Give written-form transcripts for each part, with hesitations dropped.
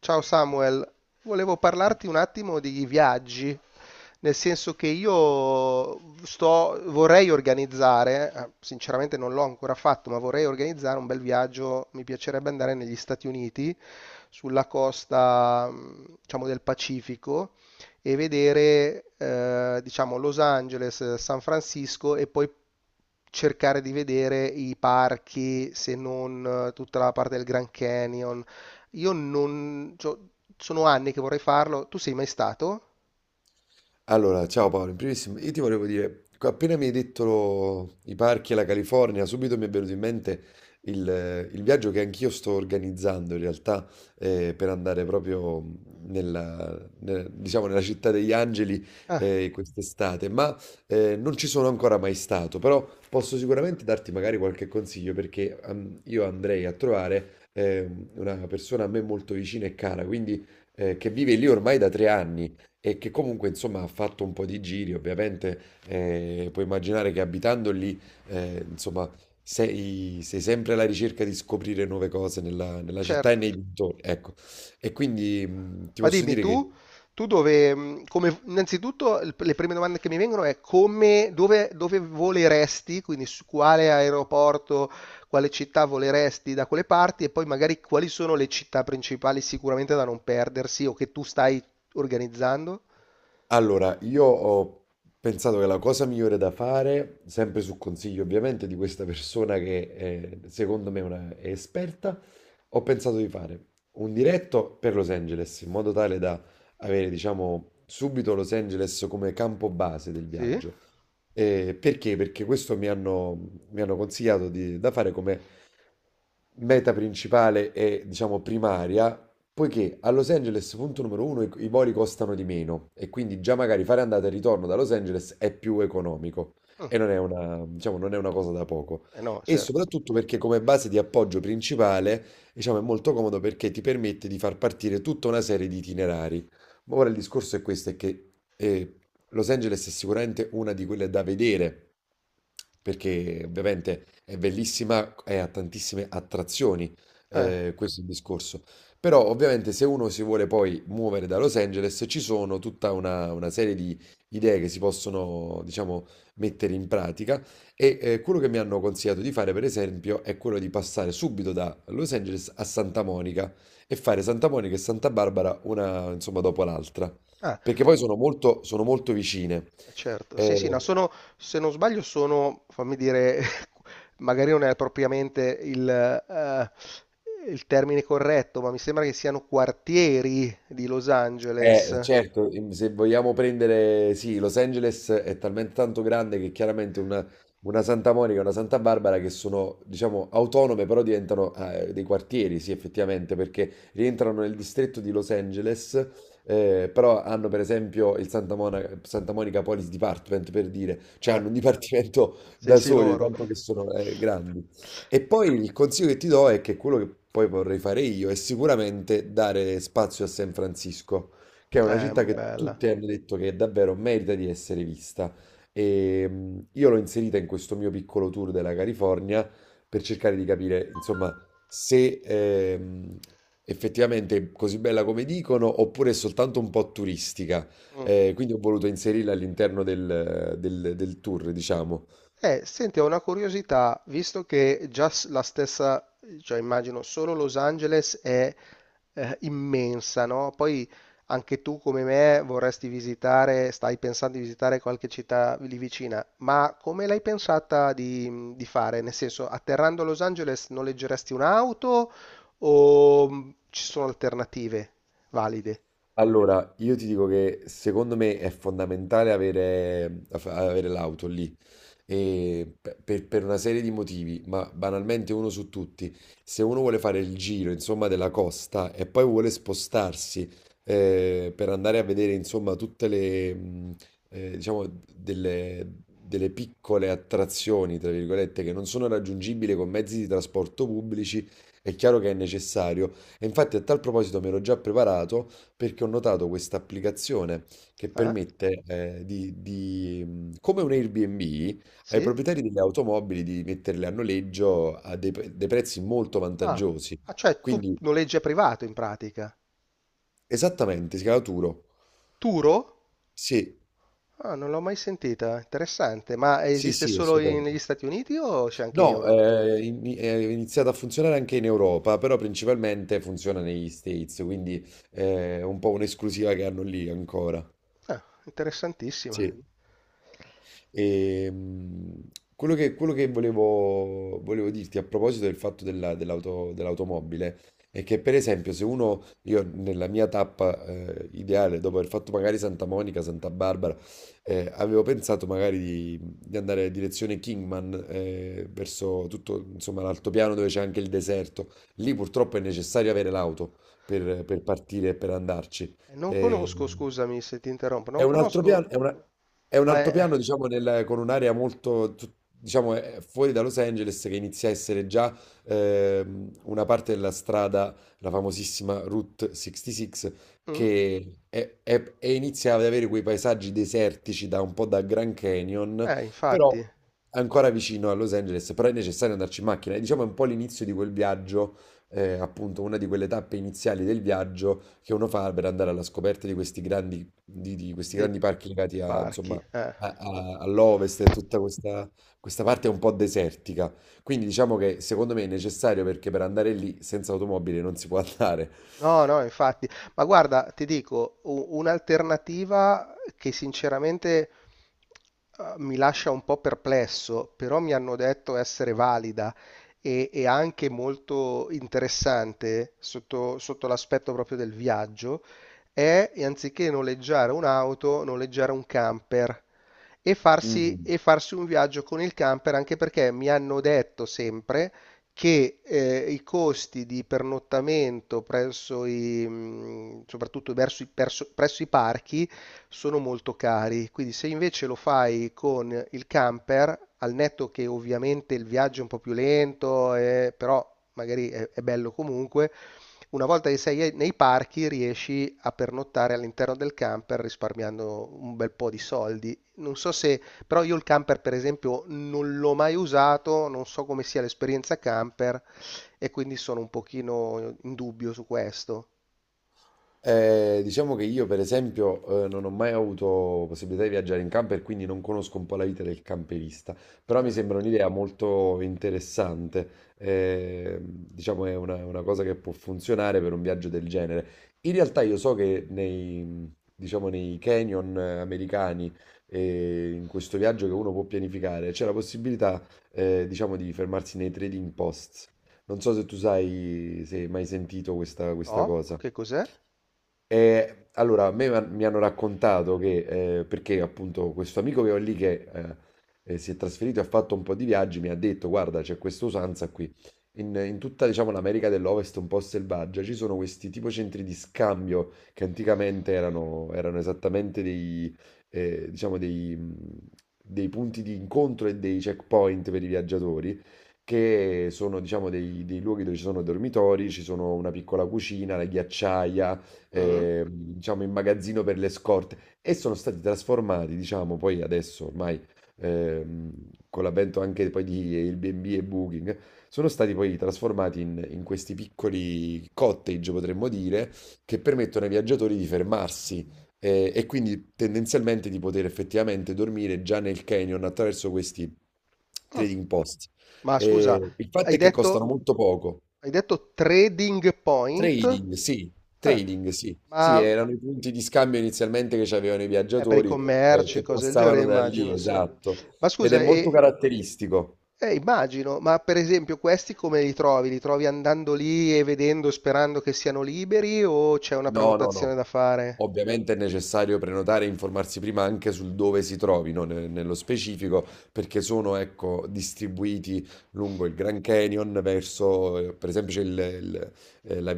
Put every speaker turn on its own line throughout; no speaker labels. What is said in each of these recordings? Ciao Samuel, volevo parlarti un attimo di viaggi, nel senso che io vorrei organizzare, sinceramente non l'ho ancora fatto, ma vorrei organizzare un bel viaggio, mi piacerebbe andare negli Stati Uniti, sulla costa, diciamo, del Pacifico e vedere, diciamo, Los Angeles, San Francisco e poi cercare di vedere i parchi, se non tutta la parte del Grand Canyon io non... cioè, Sono anni che vorrei farlo. Tu sei mai stato?
Allora, ciao Paolo, in primis io ti volevo dire, appena mi hai detto i parchi e la California, subito mi è venuto in mente il viaggio che anch'io sto organizzando in realtà per andare proprio diciamo, nella città degli angeli
Ah,
quest'estate, ma non ci sono ancora mai stato, però posso sicuramente darti magari qualche consiglio perché io andrei a trovare una persona a me molto vicina e cara, quindi che vive lì ormai da 3 anni e che comunque insomma ha fatto un po' di giri, ovviamente puoi immaginare che abitando lì insomma sei sempre alla ricerca di scoprire nuove cose nella città e
certo.
nei dintorni, ecco. E quindi ti
Ma
posso
dimmi
dire che.
tu, innanzitutto le prime domande che mi vengono è come, dove voleresti, quindi su quale aeroporto, quale città voleresti da quelle parti e poi magari quali sono le città principali sicuramente da non perdersi o che tu stai organizzando?
Allora, io ho pensato che la cosa migliore da fare, sempre su consiglio ovviamente di questa persona che secondo me è esperta, ho pensato di fare un diretto per Los Angeles, in modo tale da avere, diciamo, subito Los Angeles come campo base del
Sì?
viaggio. Perché? Perché questo mi hanno consigliato da fare come meta principale e, diciamo, primaria. Poiché a Los Angeles, punto numero uno, i voli costano di meno e quindi già magari fare andata e ritorno da Los Angeles è più economico
Mm,
e non è una, diciamo, non è una cosa da poco.
eh no,
E
certo.
soprattutto perché come base di appoggio principale, diciamo, è molto comodo perché ti permette di far partire tutta una serie di itinerari. Ma ora il discorso è questo, è che Los Angeles è sicuramente una di quelle da vedere, perché ovviamente è bellissima e ha tantissime attrazioni,
Eh,
questo è il discorso. Però ovviamente se uno si vuole poi muovere da Los Angeles ci sono tutta una serie di idee che si possono, diciamo, mettere in pratica e quello che mi hanno consigliato di fare, per esempio, è quello di passare subito da Los Angeles a Santa Monica e fare Santa Monica e Santa Barbara una, insomma, dopo l'altra,
ah,
perché poi sono molto vicine.
eh, certo, sì, sì, no,
Eh,
sono, se non sbaglio sono, fammi dire, magari non è propriamente il termine corretto, ma mi sembra che siano quartieri di Los Angeles.
Certo, se vogliamo prendere, sì, Los Angeles è talmente tanto grande che chiaramente una Santa Monica e una Santa Barbara che sono, diciamo, autonome, però diventano dei quartieri, sì, effettivamente, perché rientrano nel distretto di Los Angeles, però hanno per esempio il Santa Monica Police Department, per dire, cioè
Eh,
hanno un dipartimento
sì,
da
sì,
soli,
loro.
tanto che sono grandi. E poi il consiglio che ti do è che quello che poi vorrei fare io è sicuramente dare spazio a San Francisco che è una città che
Bella.
tutti hanno detto che davvero merita di essere vista. E io l'ho inserita in questo mio piccolo tour della California per cercare di capire, insomma, se effettivamente è così bella come dicono oppure è soltanto un po' turistica.
Mm.
Quindi ho voluto inserirla all'interno del tour, diciamo.
Senti, ho una curiosità, visto che già s- la stessa, cioè immagino solo Los Angeles è immensa, no? Poi anche tu come me vorresti visitare, stai pensando di visitare qualche città lì vicina, ma come l'hai pensata di fare? Nel senso, atterrando a Los Angeles noleggeresti un'auto o ci sono alternative valide?
Allora, io ti dico che secondo me è fondamentale avere, avere l'auto lì, e per una serie di motivi, ma banalmente uno su tutti, se uno vuole fare il giro, insomma, della costa e poi vuole spostarsi per andare a vedere, insomma, tutte le, diciamo, delle piccole attrazioni, tra virgolette, che non sono raggiungibili con mezzi di trasporto pubblici, è chiaro che è necessario. E infatti a tal proposito mi ero già preparato perché ho notato questa applicazione che
Eh?
permette come un Airbnb, ai
Sì?
proprietari delle automobili di metterle a noleggio a dei prezzi molto
Ah,
vantaggiosi.
ah, cioè tu
Quindi,
noleggi a privato in pratica.
esattamente, Scalaturo.
Turo?
Sì,
Ah, non l'ho mai sentita, interessante. Ma
sì,
esiste
sì,
solo negli
assolutamente.
Stati Uniti o c'è anche in
No,
Europa?
è iniziato a funzionare anche in Europa, però principalmente funziona negli States, quindi è un po' un'esclusiva che hanno lì ancora.
Ah, interessantissima.
Sì. E, quello che volevo dirti a proposito del fatto dell'automobile è che, per esempio, se uno, io nella mia tappa ideale, dopo aver fatto magari Santa Monica, Santa Barbara, avevo pensato magari di andare in direzione Kingman, verso tutto, insomma, l'altopiano dove c'è anche il deserto. Lì purtroppo è necessario avere l'auto per partire e per andarci.
Non
E-
conosco, scusami se ti interrompo,
è
non
un altro
conosco,
piano, è un
ma
altopiano,
è...
diciamo, con un'area molto, diciamo, è fuori da Los Angeles che inizia a essere già una parte della strada, la famosissima Route 66,
Mm?
e inizia ad avere quei paesaggi desertici da un po' da Grand Canyon, però
Infatti,
ancora vicino a Los Angeles, però è necessario andarci in macchina. E diciamo è un po' l'inizio di quel viaggio, appunto, una di quelle tappe iniziali del viaggio che uno fa per andare alla scoperta di di questi
dei,
grandi parchi legati
dei
a,
parchi.
insomma, all'ovest e tutta questa, questa parte un po' desertica. Quindi diciamo che secondo me è necessario perché per andare lì senza automobile non si può andare.
No, no, infatti, ma guarda, ti dico, un'alternativa che sinceramente mi lascia un po' perplesso, però mi hanno detto essere valida e anche molto interessante sotto, sotto l'aspetto proprio del viaggio, è anziché noleggiare un'auto, noleggiare un camper
Mm.
e farsi un viaggio con il camper, anche perché mi hanno detto sempre che, i costi di pernottamento presso i soprattutto verso i perso presso i parchi, sono molto cari. Quindi se invece lo fai con il camper, al netto che ovviamente il viaggio è un po' più lento, però magari è bello comunque, una volta che sei e nei parchi riesci a pernottare all'interno del camper risparmiando un bel po' di soldi. Non so se però io il camper, per esempio, non l'ho mai usato, non so come sia l'esperienza camper e quindi sono un pochino in dubbio su questo.
Diciamo che io, per esempio, non ho mai avuto possibilità di viaggiare in camper, quindi non conosco un po' la vita del camperista, però mi
Eh,
sembra un'idea molto interessante. Diciamo è una cosa che può funzionare per un viaggio del genere. In realtà io so che nei, diciamo, nei canyon americani, in questo viaggio che uno può pianificare, c'è la possibilità, diciamo, di fermarsi nei trading posts. Non so se tu sai, se hai mai sentito questa
no?
cosa.
Che cos'è?
Allora, a me mi hanno raccontato che, perché appunto questo amico che ho lì che si è trasferito e ha fatto un po' di viaggi, mi ha detto, guarda, c'è questa usanza qui. In tutta, diciamo, l'America dell'Ovest un po' selvaggia ci sono questi tipo centri di scambio che anticamente erano esattamente dei, diciamo, dei punti di incontro e dei checkpoint per i viaggiatori. Che sono, diciamo, dei luoghi dove ci sono dormitori, ci sono una piccola cucina, la ghiacciaia,
Mm?
diciamo, in magazzino per le scorte e sono stati trasformati, diciamo, poi adesso ormai ehm, con l'avvento anche poi di Airbnb e Booking, sono stati poi trasformati in questi piccoli cottage, potremmo dire, che permettono ai viaggiatori di fermarsi. E, quindi tendenzialmente di poter effettivamente dormire già nel canyon attraverso questi trading post.
Ma scusa,
Il fatto
hai
è che costano
detto,
molto poco.
hai detto trading point?
Trading, sì,
Ah,
trading, sì. Sì,
ma
erano i punti di scambio inizialmente che c'avevano i
eh, per i
viaggiatori
commerci,
che
cose del genere,
passavano da lì,
immagino, sì.
esatto.
Ma
Ed è
scusa,
molto
e,
caratteristico.
immagino, ma per esempio questi come li trovi? Li trovi andando lì e vedendo, sperando che siano liberi o c'è una
No, no, no.
prenotazione da fare?
Ovviamente è necessario prenotare e informarsi prima anche sul dove si trovino nello specifico, perché sono, ecco, distribuiti lungo il Grand Canyon, verso, per esempio, c'è il- eh, la-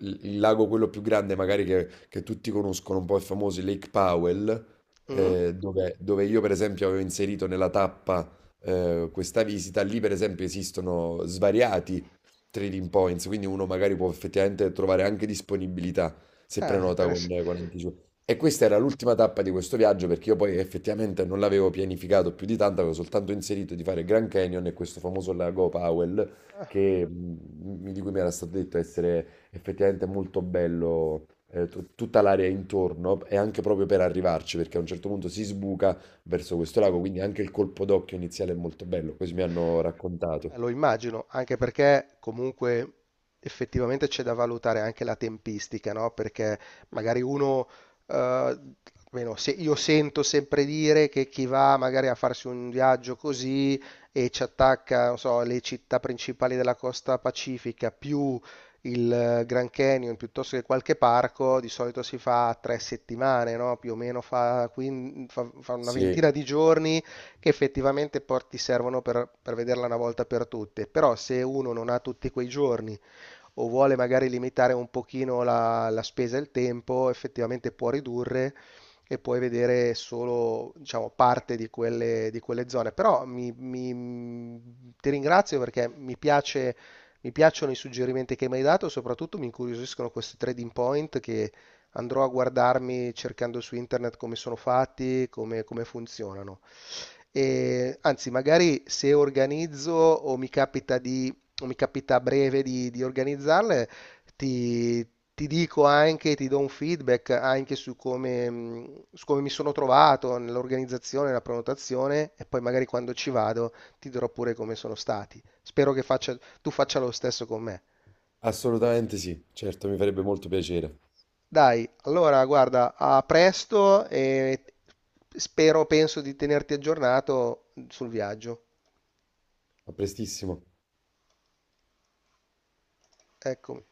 il- il lago quello più grande, magari che tutti conoscono, un po' il famoso il Lake Powell,
Mm?
dove io, per esempio, avevo inserito nella tappa, questa visita. Lì, per esempio, esistono svariati trading points, quindi uno magari può effettivamente trovare anche disponibilità se
Ah,
prenota con,
interessante.
con anticipo. E questa era l'ultima tappa di questo viaggio perché io poi effettivamente non l'avevo pianificato più di tanto, avevo soltanto inserito di fare Grand Canyon e questo famoso lago Powell di cui mi era stato detto essere effettivamente molto bello. Tutta l'area intorno e anche proprio per arrivarci perché a un certo punto si sbuca verso questo lago, quindi anche il colpo d'occhio iniziale è molto bello, così mi hanno raccontato.
Lo immagino, anche perché comunque effettivamente c'è da valutare anche la tempistica, no? Perché magari uno, eh, almeno io sento sempre dire che chi va magari a farsi un viaggio così e ci attacca, non so, le città principali della costa pacifica più il Grand Canyon piuttosto che qualche parco, di solito si fa 3 settimane, no? Più o meno fa, fa una
Sì,
ventina di giorni che effettivamente ti servono per vederla una volta per tutte, però se uno non ha tutti quei giorni o vuole magari limitare un pochino la, la spesa e il tempo, effettivamente può ridurre e puoi vedere solo, diciamo, parte di quelle zone. Però ti ringrazio perché mi piace, mi piacciono i suggerimenti che mi hai dato, soprattutto mi incuriosiscono questi trading point che andrò a guardarmi cercando su internet come sono fatti, come funzionano. E, anzi, magari se organizzo o mi capita di, o mi capita a breve di organizzarle, ti, ti dico anche, ti do un feedback anche su come mi sono trovato nell'organizzazione, nella prenotazione e poi magari quando ci vado ti dirò pure come sono stati. Spero che tu faccia lo stesso con me.
assolutamente, sì, certo, mi farebbe molto piacere.
Dai, allora guarda, a presto e spero, penso di tenerti aggiornato sul viaggio.
A prestissimo.
Eccomi.